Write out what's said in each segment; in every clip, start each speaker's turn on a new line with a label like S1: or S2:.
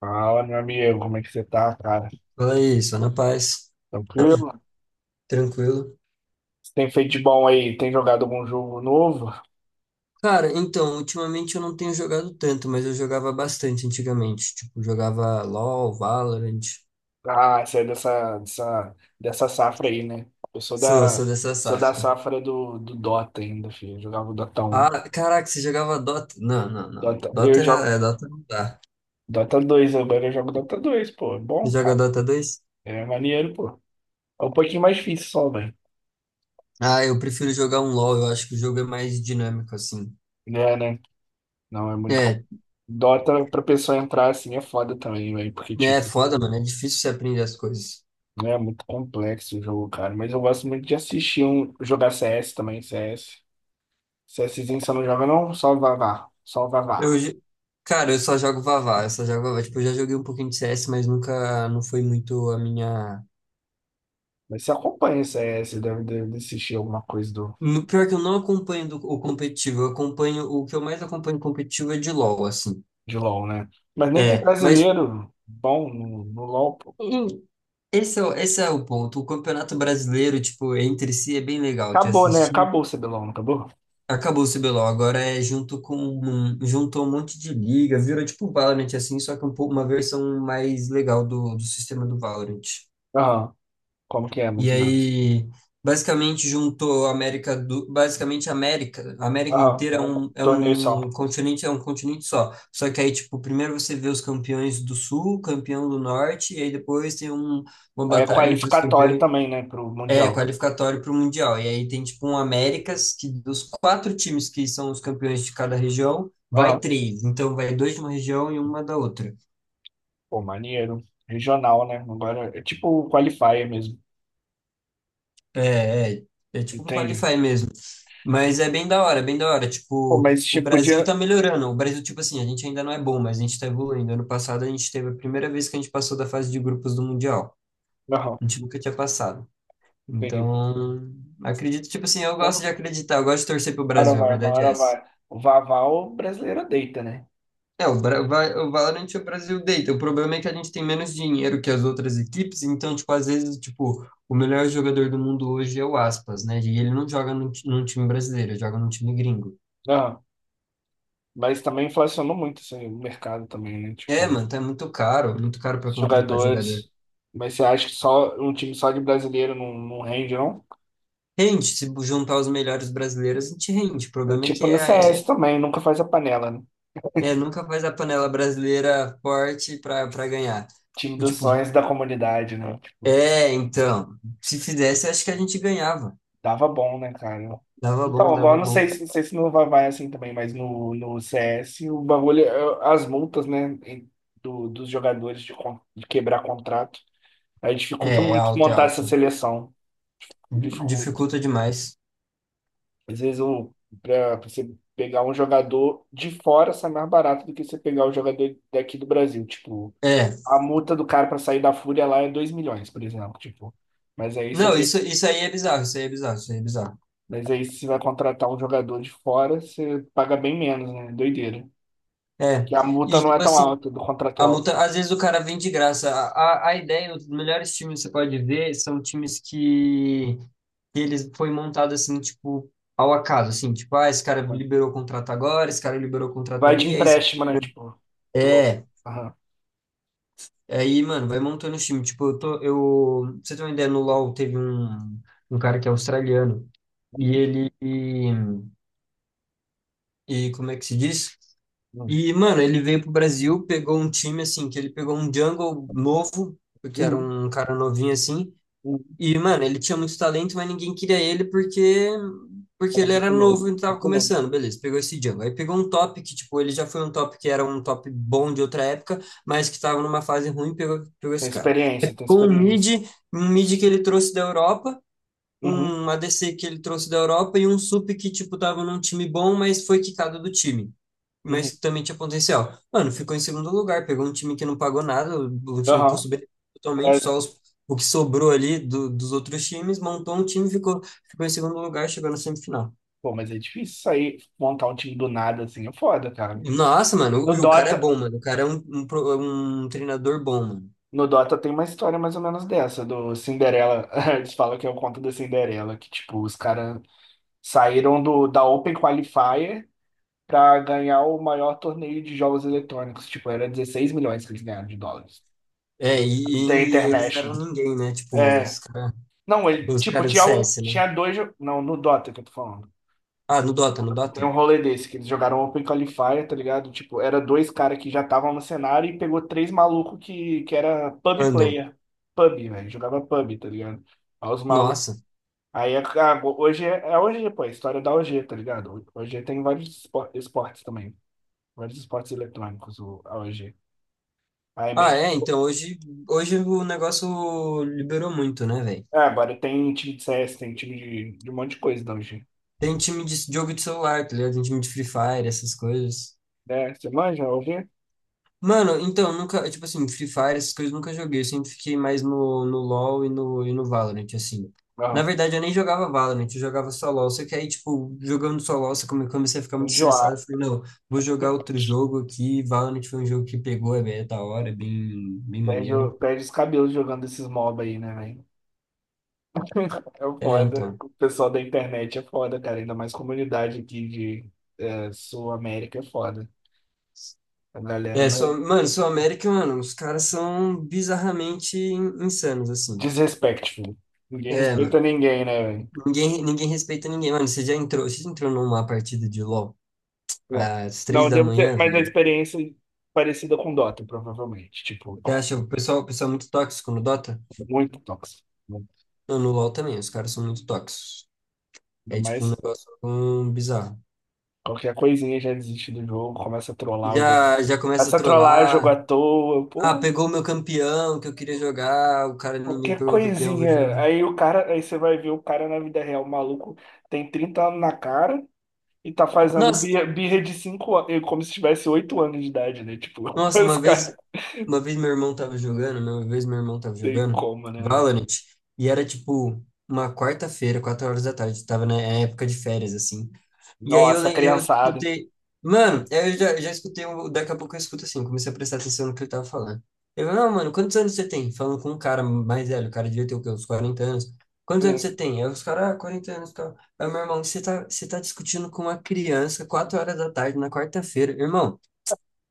S1: Fala, meu amigo, como é que você tá, cara?
S2: Fala aí, só na paz,
S1: Tranquilo?
S2: tranquilo.
S1: Você tem feito de bom aí? Tem jogado algum jogo novo?
S2: Cara, então, ultimamente eu não tenho jogado tanto, mas eu jogava bastante antigamente. Tipo, jogava LoL, Valorant.
S1: Ah, você é dessa safra aí, né? Eu sou
S2: Sou,
S1: da,
S2: sou dessa
S1: sou da
S2: safra.
S1: safra do Dota ainda, filho. Eu jogava o Dota 1.
S2: Ah, caraca, você jogava Dota? Não, não, não.
S1: Eu
S2: Dota é
S1: jogo
S2: Dota não dá.
S1: Dota 2, agora eu jogo Dota 2, pô. É
S2: Você
S1: bom,
S2: joga
S1: cara.
S2: Dota 2?
S1: É maneiro, pô. É um pouquinho mais difícil só, velho.
S2: Ah, eu prefiro jogar um LoL, eu acho que o jogo é mais dinâmico, assim.
S1: É, né? Não, é muito.
S2: É,
S1: Dota pra pessoa entrar assim é foda também, velho. Porque,
S2: é
S1: tipo,
S2: foda, mano, é difícil você aprender as coisas.
S1: né, é muito complexo o jogo, cara. Mas eu gosto muito de assistir um jogar CS também, CS. CSzinho você não joga, não? Só o Vavá. Só o
S2: Eu,
S1: Vavá.
S2: jo- Cara, eu só jogo Vavá, eu só jogo Vavá. Tipo, eu já joguei um pouquinho de CS, mas nunca, não foi muito a minha.
S1: Mas você acompanha o CS, deve assistir alguma coisa
S2: Pior que eu não acompanho o competitivo, eu acompanho, o que eu mais acompanho competitivo é de LoL, assim.
S1: de LoL, né? Mas nem tem
S2: É, mas
S1: brasileiro bom no LoL, pô.
S2: em- esse é o ponto. O Campeonato Brasileiro, tipo, entre si é bem legal de
S1: Acabou, né?
S2: assistir.
S1: Acabou o CBLOL, não acabou?
S2: Acabou o CBLOL, agora é junto com, juntou um monte de liga, virou tipo Valorant, assim, só que um pouco, uma versão mais legal do sistema do Valorant.
S1: Aham. Como que é,
S2: E
S1: mais ou menos?
S2: aí, basicamente, juntou basicamente a América
S1: Aham.
S2: inteira
S1: É um torneio só.
S2: é um continente só. Só que aí, tipo, primeiro você vê os campeões do Sul, campeão do Norte, e aí depois tem uma
S1: Aí é
S2: batalha entre os
S1: qualificatório
S2: campeões,
S1: também, né? Pro
S2: é,
S1: Mundial.
S2: qualificatório para o Mundial. E aí tem, tipo, um Américas, que dos quatro times que são os campeões de cada região, vai
S1: Aham.
S2: três. Então, vai dois de uma região e uma da outra.
S1: Pô, maneiro. Regional, né? Agora é tipo qualifier mesmo.
S2: É, é, é tipo um
S1: Entende?
S2: qualify mesmo. Mas é bem da hora, bem da hora.
S1: Pô,
S2: Tipo,
S1: mas
S2: o
S1: tipo,
S2: Brasil
S1: podia.
S2: tá melhorando. O Brasil, tipo assim, a gente ainda não é bom, mas a gente tá evoluindo. Ano passado a gente teve a primeira vez que a gente passou da fase de grupos do Mundial.
S1: Aham,
S2: A gente nunca tinha passado.
S1: entendi.
S2: Então, acredito, tipo assim, eu gosto de
S1: Uma
S2: acreditar, eu gosto de torcer pro
S1: hora
S2: Brasil, a
S1: vai, uma
S2: verdade é
S1: hora
S2: essa.
S1: vai. O Vaval o brasileiro deita, né?
S2: É, o Valorant é o Brasil deita. O problema é que a gente tem menos dinheiro que as outras equipes, então, tipo, às vezes, tipo, o melhor jogador do mundo hoje é o Aspas, né? E ele não joga num time brasileiro, ele joga num time gringo.
S1: Aham. Mas também inflacionou muito assim, o mercado também, né?
S2: É,
S1: Tipo,
S2: mano, tá muito caro
S1: os
S2: pra contratar jogador.
S1: jogadores. Mas você acha que só um time só de brasileiro não rende, não?
S2: Rende, se juntar os melhores brasileiros, a gente rende. O
S1: É
S2: problema é
S1: tipo
S2: que
S1: no C S também, nunca faz a panela, né?
S2: nunca faz a panela brasileira forte pra ganhar.
S1: Time dos
S2: Tipo,
S1: sonhos da comunidade, né? Tipo,
S2: é, então, se fizesse, acho que a gente ganhava.
S1: dava bom, né, cara?
S2: Dava bom,
S1: Então, agora
S2: dava
S1: não
S2: bom.
S1: sei, não sei se no vai assim também, mas no CS o bagulho, as multas, né, dos jogadores de quebrar contrato, aí dificulta
S2: É, é
S1: muito
S2: alto, é
S1: montar essa
S2: alto.
S1: seleção, dificulta.
S2: Dificulta demais.
S1: Às vezes pra você pegar um jogador de fora sai mais barato do que você pegar o jogador daqui do Brasil, tipo,
S2: É.
S1: a multa do cara pra sair da Fúria lá é 2 milhões, por exemplo, tipo. Mas aí se eu
S2: Não, isso aí é bizarro, isso aí é bizarro, isso aí é bizarro.
S1: Mas aí, se vai contratar um jogador de fora, você paga bem menos, né? Doideira.
S2: É.
S1: Que a multa
S2: E,
S1: não é
S2: tipo
S1: tão
S2: assim,
S1: alta do
S2: a
S1: contratual.
S2: multa, às vezes o cara vem de graça. A ideia, os melhores times que você pode ver são times que eles foi montado assim, tipo, ao acaso, assim, tipo, ah, esse cara
S1: Aham.
S2: liberou o contrato agora, esse cara liberou o contrato
S1: Vai de
S2: ali.
S1: empréstimo, né? Tipo, louco.
S2: É.
S1: Aham.
S2: Aí, mano, vai montando o time. Tipo, pra você ter uma ideia, no LoL teve um cara que é australiano e
S1: Uhum,
S2: ele, e como é que se diz?
S1: uhum,
S2: E, mano, ele veio pro Brasil, pegou um time, assim, que ele pegou um jungle novo, que era
S1: uhum,
S2: um cara novinho, assim.
S1: uhum.
S2: E, mano, ele tinha muito talento, mas ninguém queria ele porque
S1: Era
S2: ele era
S1: muito novo.
S2: novo e tava
S1: Muito novo.
S2: começando, beleza, pegou esse jungle. Aí pegou um top que, tipo, ele já foi um top que era um top bom de outra época, mas que tava numa fase ruim, pegou
S1: Tem
S2: esse cara.
S1: experiência, tem
S2: Com um
S1: experiência.
S2: mid, um mid que ele trouxe da Europa,
S1: Uhum,
S2: um ADC que ele trouxe da Europa e um sup que, tipo, tava num time bom, mas foi quicado do time
S1: uhum.
S2: mas também tinha potencial. Mano, ficou em segundo lugar, pegou um time que não pagou nada, um time que
S1: Aham.
S2: custo-benefício totalmente,
S1: Mas,
S2: só o que sobrou ali dos outros times, montou um time, ficou em segundo lugar, chegou na semifinal.
S1: Pô, mas é difícil sair, montar um time do nada assim. É foda, cara.
S2: Nossa, mano,
S1: No
S2: e o cara é
S1: Dota,
S2: bom, mano. O cara é um treinador bom, mano.
S1: no Dota, tem uma história mais ou menos dessa, do Cinderela. Eles falam que é o conto da Cinderela, que, tipo, os caras saíram da Open Qualifier para ganhar o maior torneio de jogos eletrônicos. Tipo, era 16 milhões que eles ganharam de dólares.
S2: É,
S1: The
S2: e eles eram
S1: International.
S2: ninguém, né? Tipo,
S1: É. Não, ele,
S2: os
S1: tipo,
S2: cara do
S1: tinha, o,
S2: CS, né?
S1: tinha dois. Não, no Dota que eu tô falando.
S2: Ah, no Dota, no
S1: Tem
S2: Dota?
S1: um rolê desse, que eles jogaram Open Qualifier, tá ligado? Tipo, era dois caras que já estavam no cenário e pegou três malucos que era pub
S2: Andam.
S1: player. Pub, velho. Jogava pub, tá ligado? Aí os malucos.
S2: Nossa.
S1: Ah, hoje é OG, pô, é a história da OG, tá ligado? OG tem vários esportes também. Vários esportes eletrônicos, a OG. Aí
S2: Ah,
S1: meio que...
S2: é, então hoje o negócio liberou muito, né, velho?
S1: Ah, agora tem time de CS, tem time de um monte de coisa da OG.
S2: Tem time de jogo de celular, tá ligado? Tem time de Free Fire, essas coisas.
S1: É, você manja, a OG?
S2: Mano, então, nunca, tipo assim, Free Fire, essas coisas eu nunca joguei. Eu sempre fiquei mais no LoL e no Valorant, assim. Na
S1: Não.
S2: verdade, eu nem jogava Valorant, eu jogava só LoL. Só que aí, tipo, jogando só LoL, comecei a ficar muito estressado.
S1: Enjoar.
S2: Eu falei, não, vou jogar outro jogo aqui. Valorant foi um jogo que pegou, é bem é da hora, é bem, bem
S1: Perde, o-
S2: maneiro.
S1: perde os cabelos jogando esses mob aí, né, velho? É
S2: É,
S1: foda.
S2: então.
S1: O pessoal da internet é foda, cara. Ainda mais comunidade aqui Sul América é foda. A galera
S2: É,
S1: não é...
S2: sou, mano, sou América, mano, os caras são bizarramente insanos, assim.
S1: Desrespeito, filho. Ninguém
S2: É,
S1: respeita
S2: mano.
S1: ninguém, né, velho?
S2: Ninguém respeita ninguém, mano. Você já entrou numa partida de LoL
S1: Bom,
S2: às três
S1: não,
S2: da
S1: deve ter...
S2: manhã,
S1: Mas a
S2: velho?
S1: experiência é parecida com Dota, provavelmente. Tipo,
S2: Você acha o pessoal é muito tóxico no Dota?
S1: muito tóxico.
S2: Não, no LoL também, os caras são muito tóxicos.
S1: Ainda
S2: É tipo um
S1: mais
S2: negócio bizarro.
S1: qualquer coisinha já desiste do jogo, começa a trollar o jogo.
S2: Já começa
S1: Começa
S2: a
S1: a trollar o jogo
S2: trollar.
S1: à toa,
S2: Ah,
S1: pô,
S2: pegou o meu campeão que eu queria jogar. O cara inimigo
S1: qualquer
S2: pegou meu campeão, vou
S1: coisinha.
S2: jogar.
S1: Aí você vai ver o cara na vida real, o maluco tem 30 anos na cara e tá fazendo
S2: Nossa,
S1: birra, birra de 5 anos, como se tivesse 8 anos de idade, né? Tipo,
S2: nossa,
S1: os caras
S2: uma vez meu irmão tava jogando, né? uma vez meu irmão tava
S1: tem
S2: jogando
S1: como, né, velho?
S2: Valorant, e era tipo uma quarta-feira, 4 horas da tarde, tava na época de férias, assim. E aí
S1: Nossa,
S2: eu
S1: criançada,
S2: escutei. Mano, eu já escutei. Daqui a pouco eu escuto assim, comecei a prestar atenção no que ele tava falando. Ele falou, não, mano, quantos anos você tem? Falando com um cara mais velho, o cara devia ter o quê? Uns 40 anos. Quantos anos
S1: né?
S2: você tem? Aí os caras, ah, 40 anos, cara. Aí, meu irmão, você tá discutindo com uma criança, 4 horas da tarde, na quarta-feira. Irmão,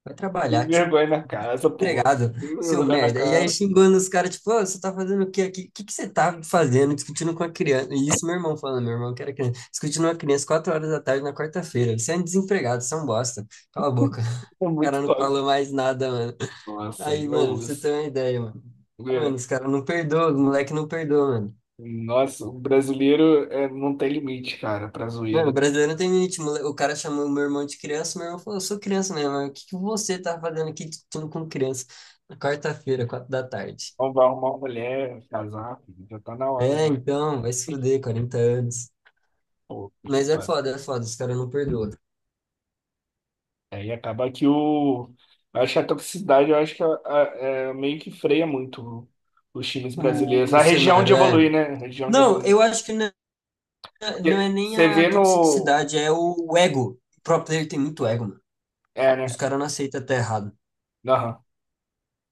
S2: vai
S1: E
S2: trabalhar, tio.
S1: vergonha na casa, pô.
S2: Empregado,
S1: E
S2: seu
S1: vergonha na
S2: merda. E aí
S1: cara.
S2: xingando os caras, tipo, "Ô, você tá fazendo o que aqui? O que que você tá fazendo? Discutindo com a criança. E isso meu irmão falando, meu irmão que era criança. Discutindo com a criança 4 horas da tarde na quarta-feira. Você é um desempregado, você é um bosta. Cala a boca."
S1: É
S2: O
S1: muito
S2: cara não
S1: top.
S2: falou mais nada, mano.
S1: Nossa, aí
S2: Aí,
S1: eu
S2: mano, pra você
S1: uso.
S2: ter uma ideia, mano. Mano,
S1: É.
S2: os caras não perdoam, os moleque não perdoa, mano.
S1: Nossa, o brasileiro é, não tem limite, cara, pra
S2: Mano, o
S1: zoeira.
S2: brasileiro não tem limite. O cara chamou meu irmão de criança, meu irmão falou, eu sou criança mesmo. Mas o que que você tá fazendo aqui discutindo com criança? Na quarta-feira, 4 da tarde.
S1: Então vai arrumar uma mulher, casar, filho, já tá na hora
S2: É,
S1: já.
S2: então, vai se fuder, 40 anos.
S1: Pô,
S2: Mas
S1: é.
S2: é foda, os caras não perdoam.
S1: Aí acaba que o. Eu acho que a toxicidade, eu acho que a- é, meio que freia muito os times brasileiros.
S2: O
S1: A região de
S2: cenário é.
S1: evoluir, né? A região de
S2: Não,
S1: evoluir.
S2: eu acho que não, não é
S1: Porque
S2: nem
S1: você
S2: a
S1: vê no.
S2: toxicidade, é o ego. O pro player tem muito ego, mano.
S1: É, né?
S2: Os caras não aceitam até errado.
S1: Aham.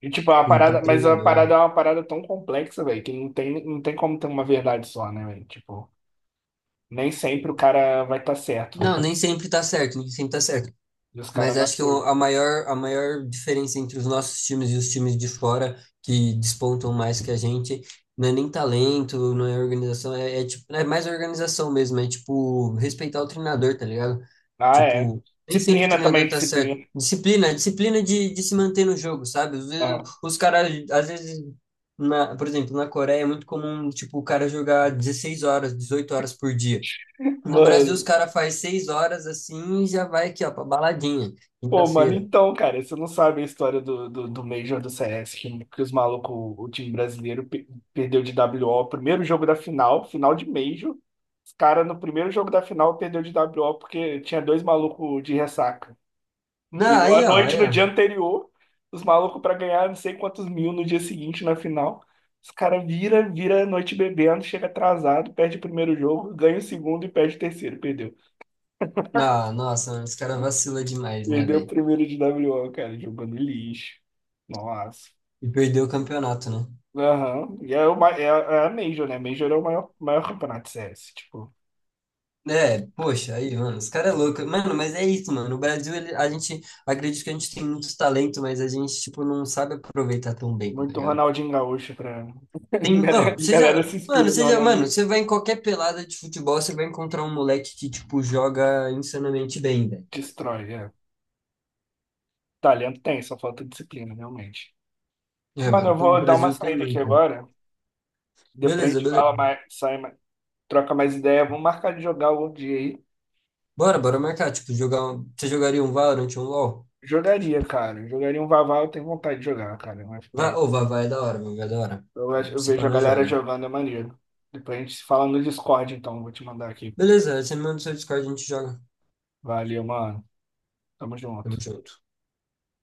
S1: E, tipo, a
S2: O
S1: parada,
S2: pra
S1: mas a
S2: treinador.
S1: parada é uma parada tão complexa, velho, que não tem como ter uma verdade só, né, velho? Tipo, nem sempre o cara vai estar certo, né?
S2: Não, nem sempre tá certo, nem sempre tá certo.
S1: E os
S2: Mas
S1: caras não
S2: acho que
S1: aceitam.
S2: a maior diferença entre os nossos times e os times de fora que despontam mais que a gente não é nem talento, não é organização, é tipo, é mais organização mesmo, é tipo respeitar o treinador, tá ligado?
S1: Ah, é.
S2: Tipo, nem sempre o
S1: Disciplina
S2: treinador
S1: também,
S2: tá
S1: disciplina.
S2: certo. Disciplina de se manter no jogo, sabe? Às vezes,
S1: Aham.
S2: os caras, às vezes, na, por exemplo, na Coreia é muito comum, tipo, o cara jogar 16 horas, 18 horas por dia. No Brasil, os
S1: Mano.
S2: caras faz 6 horas assim e já vai aqui, ó, pra baladinha,
S1: Pô, mano,
S2: quinta-feira.
S1: então, cara, você não sabe a história do Major do CS, que os malucos, o time brasileiro, perdeu de WO, primeiro jogo da final, final de Major. Os caras, no primeiro jogo da final, perdeu de WO porque tinha dois malucos de ressaca.
S2: Não,
S1: Virou a
S2: aí, ó, aí,
S1: noite no dia
S2: ó.
S1: anterior, os malucos pra ganhar não sei quantos mil no dia seguinte na final. Os caras vira a noite bebendo, chega atrasado, perde o primeiro jogo, ganha o segundo e perde o terceiro, perdeu.
S2: Não, nossa, os caras vacila demais, né,
S1: Perdeu o
S2: velho?
S1: primeiro de w WO, cara, jogando lixo. Nossa.
S2: E perdeu o campeonato, né?
S1: Aham. E é a Major, né? Major é o maior, maior campeonato de CS. Tipo,
S2: É, poxa, aí, mano, os caras é louco. Mano, mas é isso, mano. No Brasil, a gente, acredito que a gente tem muito talento, mas a gente, tipo, não sabe aproveitar tão bem, tá
S1: muito
S2: ligado?
S1: Ronaldinho Gaúcho pra. A
S2: Tem,
S1: Galera,
S2: mano,
S1: a galera se inspira no Ronaldinho.
S2: você vai em qualquer pelada de futebol, você vai encontrar um moleque que, tipo, joga insanamente bem, velho.
S1: Destrói, é. Talento tem, só falta disciplina, realmente.
S2: É,
S1: Mano,
S2: mano,
S1: eu
S2: então o
S1: vou dar uma
S2: Brasil tem
S1: saída aqui
S2: muito.
S1: agora. Depois a
S2: Beleza,
S1: gente
S2: beleza.
S1: fala mais, troca mais ideia. Vamos marcar de jogar outro dia aí.
S2: Bora, bora marcar. Tipo, jogar um. Você jogaria um Valorant, um LoL?
S1: Jogaria, cara. Jogaria um Vavá, eu tenho vontade de jogar, cara. Um
S2: Vai,
S1: FPS.
S2: ou vai, vai, é da hora, mano, vai, é da hora. É,
S1: Eu
S2: se
S1: vejo
S2: pá,
S1: a
S2: nós
S1: galera
S2: joga.
S1: jogando, é maneiro. Depois a gente se fala no Discord, então. Vou te mandar aqui.
S2: Beleza, você me manda o seu Discord, a gente joga.
S1: Valeu, mano. Tamo
S2: Tamo
S1: junto.
S2: junto.